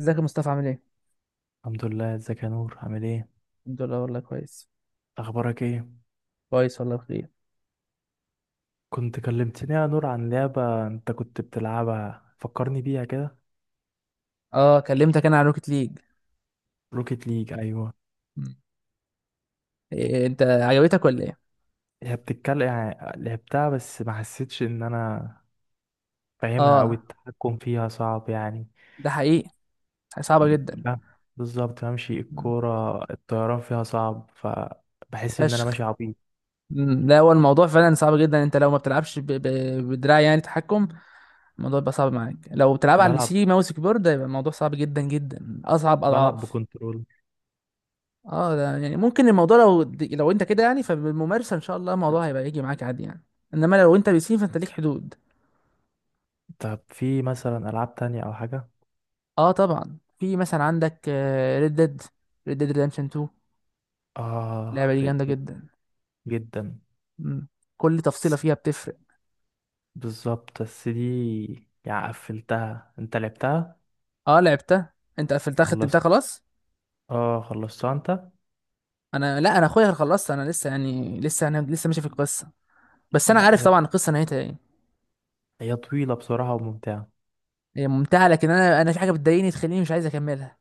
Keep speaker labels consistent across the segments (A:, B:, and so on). A: ازيك يا مصطفى عامل ايه؟
B: الحمد لله، ازيك يا نور؟ عامل ايه؟
A: الحمد لله والله كويس.
B: اخبارك ايه؟
A: كويس والله بخير.
B: كنت كلمتني يا نور عن لعبة انت كنت بتلعبها، فكرني بيها كده.
A: اه كلمتك انا عن روكيت ليج.
B: روكيت ليج، ايوه.
A: مم. إيه انت عجبتك ولا ايه؟
B: هي بتتكلم يعني، لعبتها بس ما حسيتش ان انا فاهمها، او
A: اه
B: التحكم فيها صعب يعني.
A: ده حقيقي، صعبة جدا.
B: ب- بالظبط، بمشي
A: مم.
B: الكورة، الطيران فيها صعب فبحس ان انا
A: فشخ.
B: ماشي عبيط.
A: لا هو الموضوع فعلا صعب جدا، انت لو ما بتلعبش بدراع يعني تحكم، الموضوع بيبقى صعب معاك. لو بتلعب على البي
B: بلعب
A: سي ماوس كيبورد هيبقى الموضوع صعب جدا جدا، اصعب
B: بلعب
A: اضعاف.
B: بكنترول.
A: اه ده يعني ممكن الموضوع لو انت كده يعني، فبالممارسة ان شاء الله الموضوع هيبقى يجي معاك عادي يعني. انما لو انت بي سي فانت ليك حدود.
B: طب في مثلا العاب تانية او حاجة؟
A: اه طبعا في مثلا عندك ريد ديد، ريد ديد ريدمشن 2،
B: اه،
A: اللعبه دي جامده
B: ريد.
A: جدا.
B: جدا.
A: مم. كل تفصيله فيها بتفرق.
B: بالظبط، بس دي يعني قفلتها؟ انت لعبتها؟
A: اه لعبتها، انت قفلتها ختمتها
B: خلصت.
A: خلاص.
B: اه، خلصتها انت؟
A: انا لا، انا اخويا خلصت، انا لسه يعني لسه، انا لسه ماشي في القصه، بس انا
B: لا،
A: عارف
B: هي
A: طبعا القصه نهايتها ايه.
B: هي طويلة بصراحة وممتعة.
A: هي ممتعه، لكن انا في حاجه بتضايقني تخليني مش عايز اكملها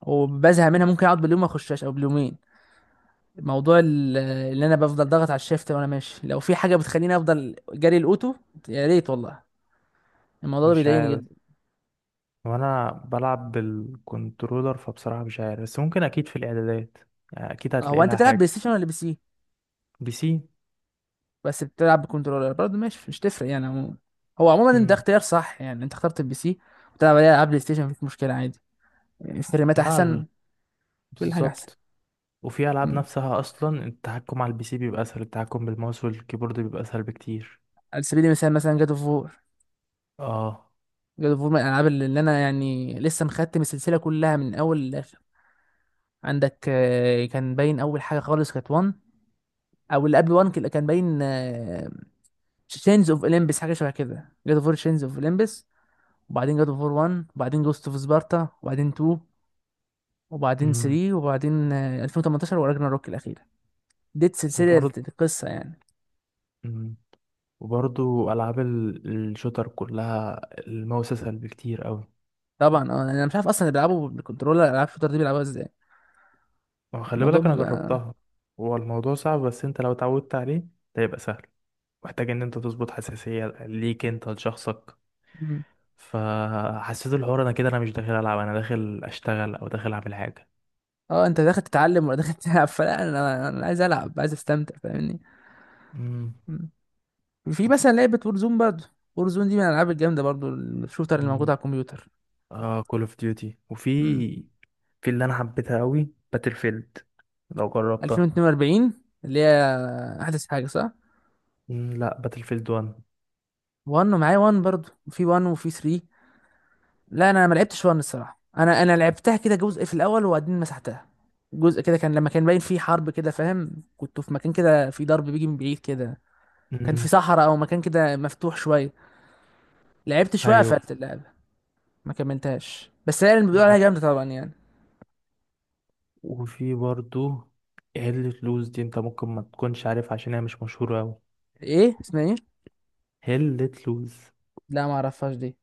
A: وبزهق منها، ممكن اقعد باليوم ما اخشهاش او باليومين. موضوع ال- اللي انا بفضل ضاغط على الشيفت وانا ماشي، لو في حاجه بتخليني افضل جري الاوتو يا ريت والله، الموضوع ده
B: مش
A: بيضايقني
B: عارف،
A: جدا.
B: وانا بلعب بالكنترولر فبصراحة مش عارف، بس ممكن اكيد في الاعدادات، يعني اكيد
A: هو
B: هتلاقي
A: انت
B: لها
A: بتلعب بلاي
B: حاجة.
A: ستيشن ولا بي سي؟
B: بي سي.
A: بس بتلعب بكنترولر برضه ماشي، مش تفرق يعني عموما. هو عموما ده
B: امم.
A: اختيار صح يعني، انت اخترت البي سي وتلعب عليه العاب بلاي ستيشن مفيش مشكله عادي، يعني فريمات
B: لا،
A: احسن، كل حاجه احسن.
B: بالظبط. وفي العاب
A: مم.
B: نفسها اصلا، التحكم على البي سي بيبقى اسهل، التحكم بالماوس والكيبورد بيبقى اسهل بكتير.
A: على سبيل المثال مثلا جاد اوف وور،
B: اه.
A: جاد اوف وور من الالعاب اللي انا يعني لسه مختم السلسله كلها من اول للاخر. عندك كان باين اول حاجه خالص كانت 1، او اللي قبل 1 كان باين تشينز اوف اولمبس، حاجه شبه كده، جاد اوف وور تشينز اوف اولمبس، وبعدين جاد اوف وور 1، وبعدين جوست اوف سبارتا، وبعدين 2، وبعدين
B: امم.
A: 3، وبعدين 2018، وراجنا روك الأخيرة. دي سلسلة
B: وبرضه
A: القصة يعني.
B: وبرضو ألعاب الشوتر كلها، الماوس أسهل بكتير أوي.
A: طبعا اه انا مش عارف اصلا اللي بيلعبوا بالكنترولر العاب الشوتر دي بيلعبوها ازاي.
B: ما هو خلي
A: الموضوع
B: بالك، أنا
A: بيبقى
B: جربتها. هو الموضوع صعب، بس أنت لو اتعودت عليه ده يبقى سهل. محتاج إن أنت تظبط حساسية ليك أنت لشخصك.
A: مم.
B: فحسيت الحوار أنا كده، أنا مش داخل ألعب، أنا داخل أشتغل أو داخل أعمل حاجة.
A: اه انت داخل تتعلم ولا داخل تلعب، فلا انا عايز العب، عايز استمتع فاهمني.
B: امم.
A: مم. في
B: وفي...
A: مثلا لعبة وورزون برضه، وورزون دي من الالعاب الجامدة برضه الشوتر اللي موجود
B: امم.
A: على الكمبيوتر.
B: كول أوف ديوتي، وفي،
A: مم.
B: في اللي أنا حبيتها أوي، باتل فيلد. لو جربتها.
A: 2042، اللي هي احدث حاجة صح؟
B: لا، باتل فيلد 1.
A: 1 ومعايا 1 برضه، وفي 1 وفي 3. لا انا ما لعبتش، وان الصراحه انا لعبتها كده جزء في الاول وبعدين مسحتها. جزء كده كان لما كان باين فيه حرب كده فاهم، كنت في مكان كده في ضرب بيجي من بعيد كده، كان في
B: امم.
A: صحراء او مكان كده مفتوح شويه، لعبت شويه
B: أيوه.
A: قفلت اللعبه، ما كملتهاش. بس هي اللي بيقولوا عليها جامده طبعا يعني.
B: وفي برضو هيلة لوز دي، انت ممكن ما تكونش عارف عشان هي مش مشهورة أوي.
A: ايه اسمها ايه؟
B: هيلة لوز.
A: لا ما اعرفهاش دي،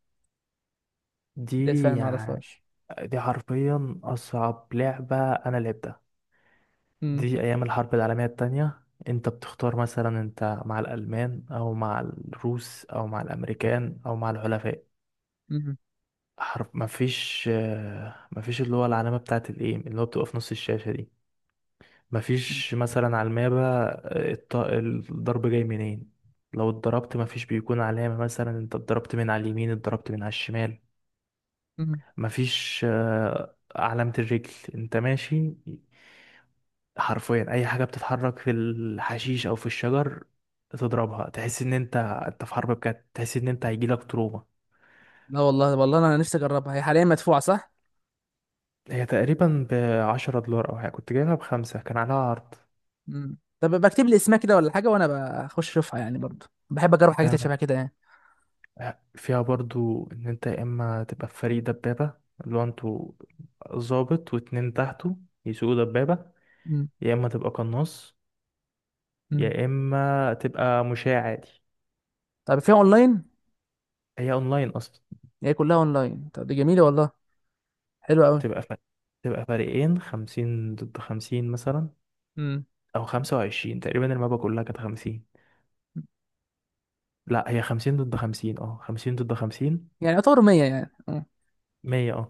A: دي
B: دي
A: فعلا ما
B: يعني،
A: اعرفهاش.
B: دي حرفيا أصعب لعبة أنا لعبتها.
A: امم.
B: دي أيام الحرب العالمية التانية. انت بتختار، مثلا انت مع الألمان أو مع الروس أو مع الأمريكان أو مع الحلفاء.
A: امم.
B: حرف، مفيش اللي هو العلامة بتاعت الإيه اللي هو بتبقى في نص الشاشة دي. مفيش مثلا على المابة الضرب جاي منين. لو اتضربت مفيش بيكون علامة، مثلا انت اتضربت من على اليمين اتضربت من على الشمال.
A: أمم.
B: مفيش علامة الرجل انت ماشي. حرفيا اي حاجة بتتحرك في الحشيش او في الشجر تضربها، تحس ان انت في حرب بجد، تحس ان انت هيجيلك تروما.
A: لا والله والله انا نفسي اجربها، هي حاليا مدفوعه صح؟
B: هي تقريبا بعشرة دولار او حاجة، كنت جايبها بخمسة، كان عليها عرض.
A: امم، طب بكتب لي اسمها كده ولا حاجه، وانا بخش اشوفها يعني برضه، بحب اجرب حاجات
B: ده
A: شبه كده يعني.
B: فيها برضو ان انت يا اما تبقى في فريق دبابة، اللي هو انتوا ظابط واتنين تحته يسوقوا دبابة، يا اما تبقى قناص،
A: امم.
B: يا اما تبقى مشاة عادي.
A: طب فيها اونلاين؟
B: هي اونلاين اصلا.
A: هي كلها اونلاين، طب دي جميله والله، حلوه قوي.
B: تبقى فرق. تبقى فريقين، 50 ضد 50 مثلا،
A: امم.
B: او 25 تقريبا، المابا كلها كانت خمسين. لا، هي خمسين ضد خمسين، اه، خمسين ضد خمسين.
A: يعني يعتبر 100 يعني اه.
B: مية، اه.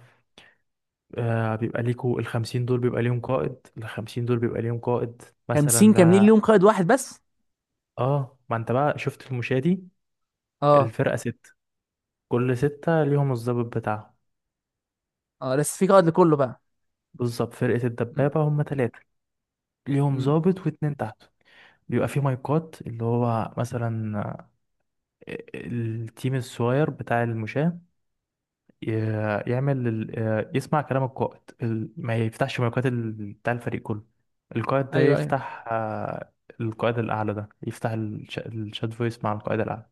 B: بيبقى ليكوا الخمسين دول بيبقى ليهم قائد
A: 50
B: مثلا
A: كاملين
B: ده.
A: ليهم قائد واحد بس؟
B: اه، ما انت بقى شفت المشاة دي،
A: اه.
B: الفرقة ستة، كل ستة ليهم الضابط بتاعهم.
A: اه لسه في قائد لكله بقى.
B: بالظبط، فرقة
A: امم.
B: الدبابة هم تلاتة، ليهم
A: امم.
B: ضابط واتنين تحته. بيبقى فيه مايكات، اللي هو مثلا التيم الصغير بتاع المشاة ي- يعمل يسمع كلام القائد، ما يفتحش مايكات بتاع الفريق كله. القائد ده
A: ايوه ايوه.
B: يفتح القائد الأعلى ده يفتح الشات فويس مع القائد الأعلى.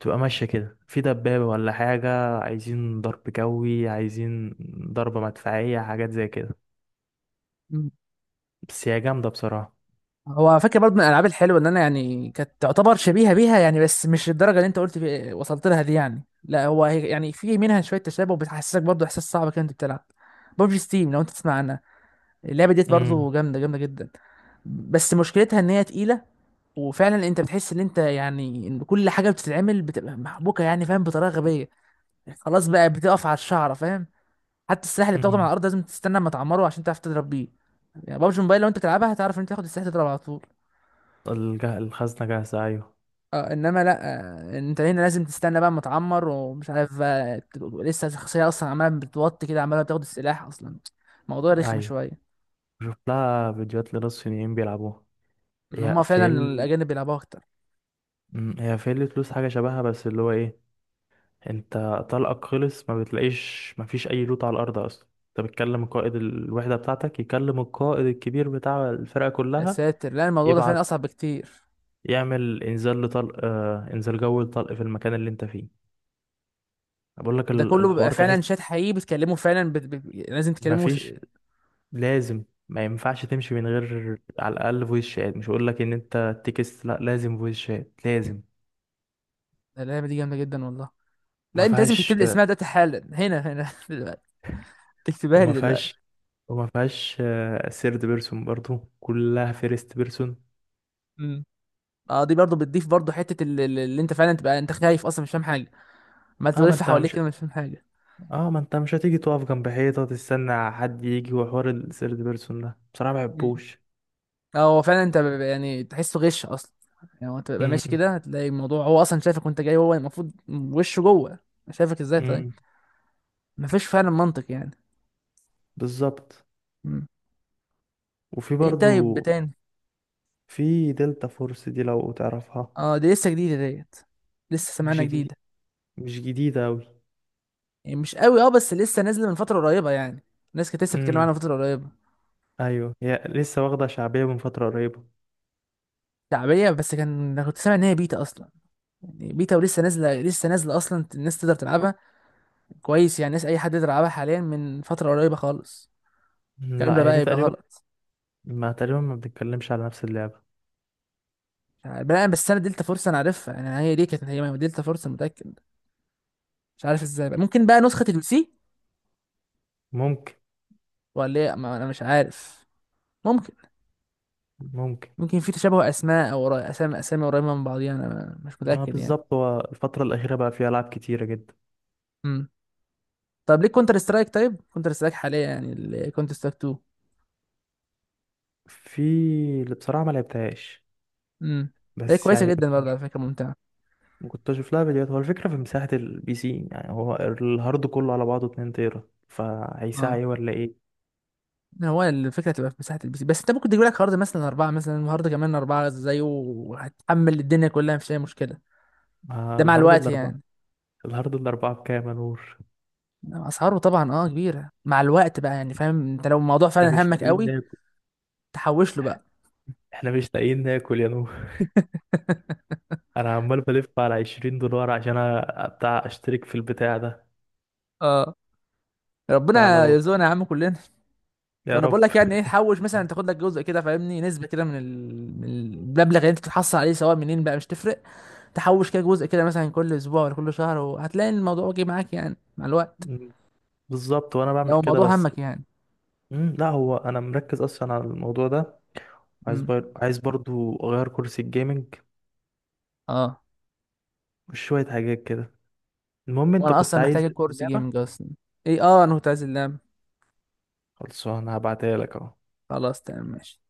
B: تبقى ماشية كده في دبابة ولا حاجة، عايزين ضرب جوي، عايزين ضربة مدفعية، حاجات زي كده.
A: امم.
B: بس هي جامدة بصراحة.
A: هو على فكره برضه من الالعاب الحلوه ان انا يعني كانت تعتبر شبيهه بيها يعني، بس مش الدرجه اللي انت قلت في وصلت لها دي يعني، لا هو هي يعني في منها شويه تشابه، وبتحسسك برضه احساس صعب كده انت بتلعب. ببجي ستيم لو انت تسمع عنها، اللعبه ديت
B: امم.
A: برضه جامده جامده جدا، بس مشكلتها ان هي تقيله. وفعلا انت بتحس ان انت يعني ان كل حاجه بتتعمل بتبقى محبوكه يعني فاهم بطريقه غبيه، خلاص بقى بتقف على الشعره فاهم. حتى السلاح اللي بتاخده من على
B: أمم.
A: الارض لازم تستنى اما تعمره عشان تعرف تضرب بيه. يعني بابجي موبايل لو انت تلعبها هتعرف ان انت تاخد السلاح تضرب على طول.
B: الخزنة جاهزة، أيوة.
A: اه انما لا، انت هنا لازم تستنى بقى اما تعمر، ومش عارف بقى تبقى لسه الشخصيه اصلا عماله بتوطي كده عماله بتاخد السلاح اصلا. الموضوع رخم
B: أيوة،
A: شويه.
B: شوف لها فيديوهات لناس صينيين بيلعبوها.
A: ان
B: هي
A: هم فعلا
B: فيل
A: الاجانب بيلعبوها اكتر.
B: أمم، هي فيل فلوس حاجة شبهها، بس اللي هو إيه، أنت طلقك خلص ما بتلاقيش، ما فيش أي لوت على الأرض أصلا. أنت بتكلم قائد الوحدة بتاعتك، يكلم القائد الكبير بتاع الفرقة
A: يا
B: كلها،
A: ساتر، لا الموضوع ده
B: يبعت،
A: فعلا اصعب بكتير.
B: يعمل انزال جوي لطلق في المكان اللي انت فيه. بقول لك،
A: وده كله بيبقى
B: الحوار
A: فعلا
B: تحس،
A: شات حقيقي بتكلمه فعلا، لازم تكلمه
B: مفيش، لازم. ما ينفعش تمشي من غير على الاقل فويس شات، مش هقول لك ان انت تكست، لا لازم فويس شات لازم.
A: اللعبه دي جامده جدا والله. لا
B: ما
A: انت لازم تكتب
B: فيهاش
A: لي اسمها دلوقتي حالا، هنا هنا دلوقتي، تكتبها
B: وما
A: لي
B: فيهاش
A: دلوقتي.
B: وما فيهاش سيرد بيرسون، برضو كلها فيرست بيرسون.
A: امم. اه دي برضه بتضيف برضه حته اللي انت فعلا تبقى انت خايف اصلا مش فاهم حاجه، ما
B: اه ما
A: تلف
B: انت
A: حواليك
B: مش
A: كده مش فاهم حاجه.
B: اه ما انت مش هتيجي تقف جنب حيطة تستنى حد يجي، وحوار السيرد بيرسون ده بصراحة ما
A: مم.
B: بحبوش.
A: اه هو فعلا انت بيبقى يعني تحسه غش اصلا. يعني هو انت بتبقى ماشي
B: امم.
A: كده هتلاقي الموضوع هو اصلا شايفك وانت جاي، هو المفروض وشه جوه، شايفك ازاي طيب؟
B: امم.
A: مفيش فعلا منطق يعني.
B: بالظبط.
A: مم.
B: وفي
A: ايه طيب
B: برضو
A: تاني؟
B: في دلتا فورس دي لو تعرفها.
A: اه دي لسه جديده ديت، لسه
B: مش
A: سمعنا
B: جديد،
A: جديد.
B: مش جديدة أوي.
A: يعني مش قوي اه، بس لسه نازله من فتره قريبه يعني، الناس كانت لسه بتتكلم
B: امم.
A: عنها من فتره قريبه.
B: أيوة، هي لسه واخدة شعبية من فترة قريبة.
A: شعبيه، بس كان انا كنت سامع ان هي بيتا اصلا، يعني بيتا ولسه نازله، لسه نازله اصلا الناس تقدر تلعبها كويس يعني، الناس اي حد يقدر يلعبها حاليا من فتره قريبه خالص. الكلام ده
B: لا، هي
A: بقى
B: دي
A: يبقى
B: تقريبا،
A: غلط.
B: ما تقريبا ما بنتكلمش على نفس اللعبة.
A: مش عارف بقى، بس انا دلتا فورس انا عارفها انا، هي دي كانت هي دلتا فورس أنا متاكد. مش عارف ازاي بقى. ممكن بقى نسخه البي سي
B: ممكن.
A: ولا ايه، ما انا مش عارف، ممكن.
B: ممكن.
A: ممكن في تشابه اسماء، او اسامي اسامي قريبه من بعضيها، انا مش
B: ما
A: متاكد يعني.
B: بالظبط، هو الفترة الأخيرة بقى فيها ألعاب كتيرة جدا.
A: مم. طب ليه كونتر سترايك، طيب كونتر سترايك حاليا يعني كونتر سترايك 2.
B: في اللي بصراحة ما لعبتهاش،
A: امم. ليه
B: بس
A: كويسه
B: يعني
A: جدا برضه على فكره، ممتعه.
B: كنت أشوف لها فيديوهات. هو الفكرة في مساحة البي سي يعني، هو الهارد كله على بعضه 2 تيرا، فهيساع
A: اه
B: إيه ولا إيه؟
A: هو الفكره تبقى في مساحه البي سي، بس انت ممكن تجيب لك هارد مثلا اربعه، مثلا هارد كمان اربعه زيه، وهتحمل الدنيا كلها مفيش اي مشكله.
B: ما
A: ده مع
B: الهارد
A: الوقت
B: الأربعة،
A: يعني.
B: الهارد الأربعة بكام يا نور؟
A: إنما اسعاره طبعا اه كبيره، مع الوقت بقى يعني فاهم، انت لو الموضوع
B: احنا
A: فعلا
B: مش
A: همك
B: لاقيين
A: قوي
B: ناكل.
A: تحوش له بقى.
B: احنا مش لاقيين ناكل يا نور. انا عمال بلف على 20 دولار عشان بتاع اشترك في البتاع ده.
A: اه ربنا
B: تعالى،
A: يرزقنا يا عم كلنا.
B: يا
A: وانا
B: رب.
A: بقول لك يعني ايه حوش، مثلا تاخد لك جزء كده فاهمني، نسبه كده من من المبلغ اللي انت بتحصل عليه، سواء منين بقى مش تفرق، تحوش كده جزء كده مثلا كل اسبوع ولا كل شهر، وهتلاقي الموضوع واجي معاك يعني مع الوقت،
B: مم. بالظبط، وانا بعمل
A: لو
B: كده
A: الموضوع
B: بس.
A: همك يعني.
B: لا، هو انا مركز اصلا على الموضوع ده.
A: امم.
B: عايز برضو اغير كرسي الجيمنج
A: اه
B: وشوية حاجات كده. المهم، انت
A: وانا
B: كنت
A: اصلا
B: عايز
A: محتاج الكورس
B: اللعبة،
A: جيمنج اصلا. ايه اه انا كنت عايز اللاب.
B: خلصانه هبعتها لك اهو.
A: خلاص تمام ماشي.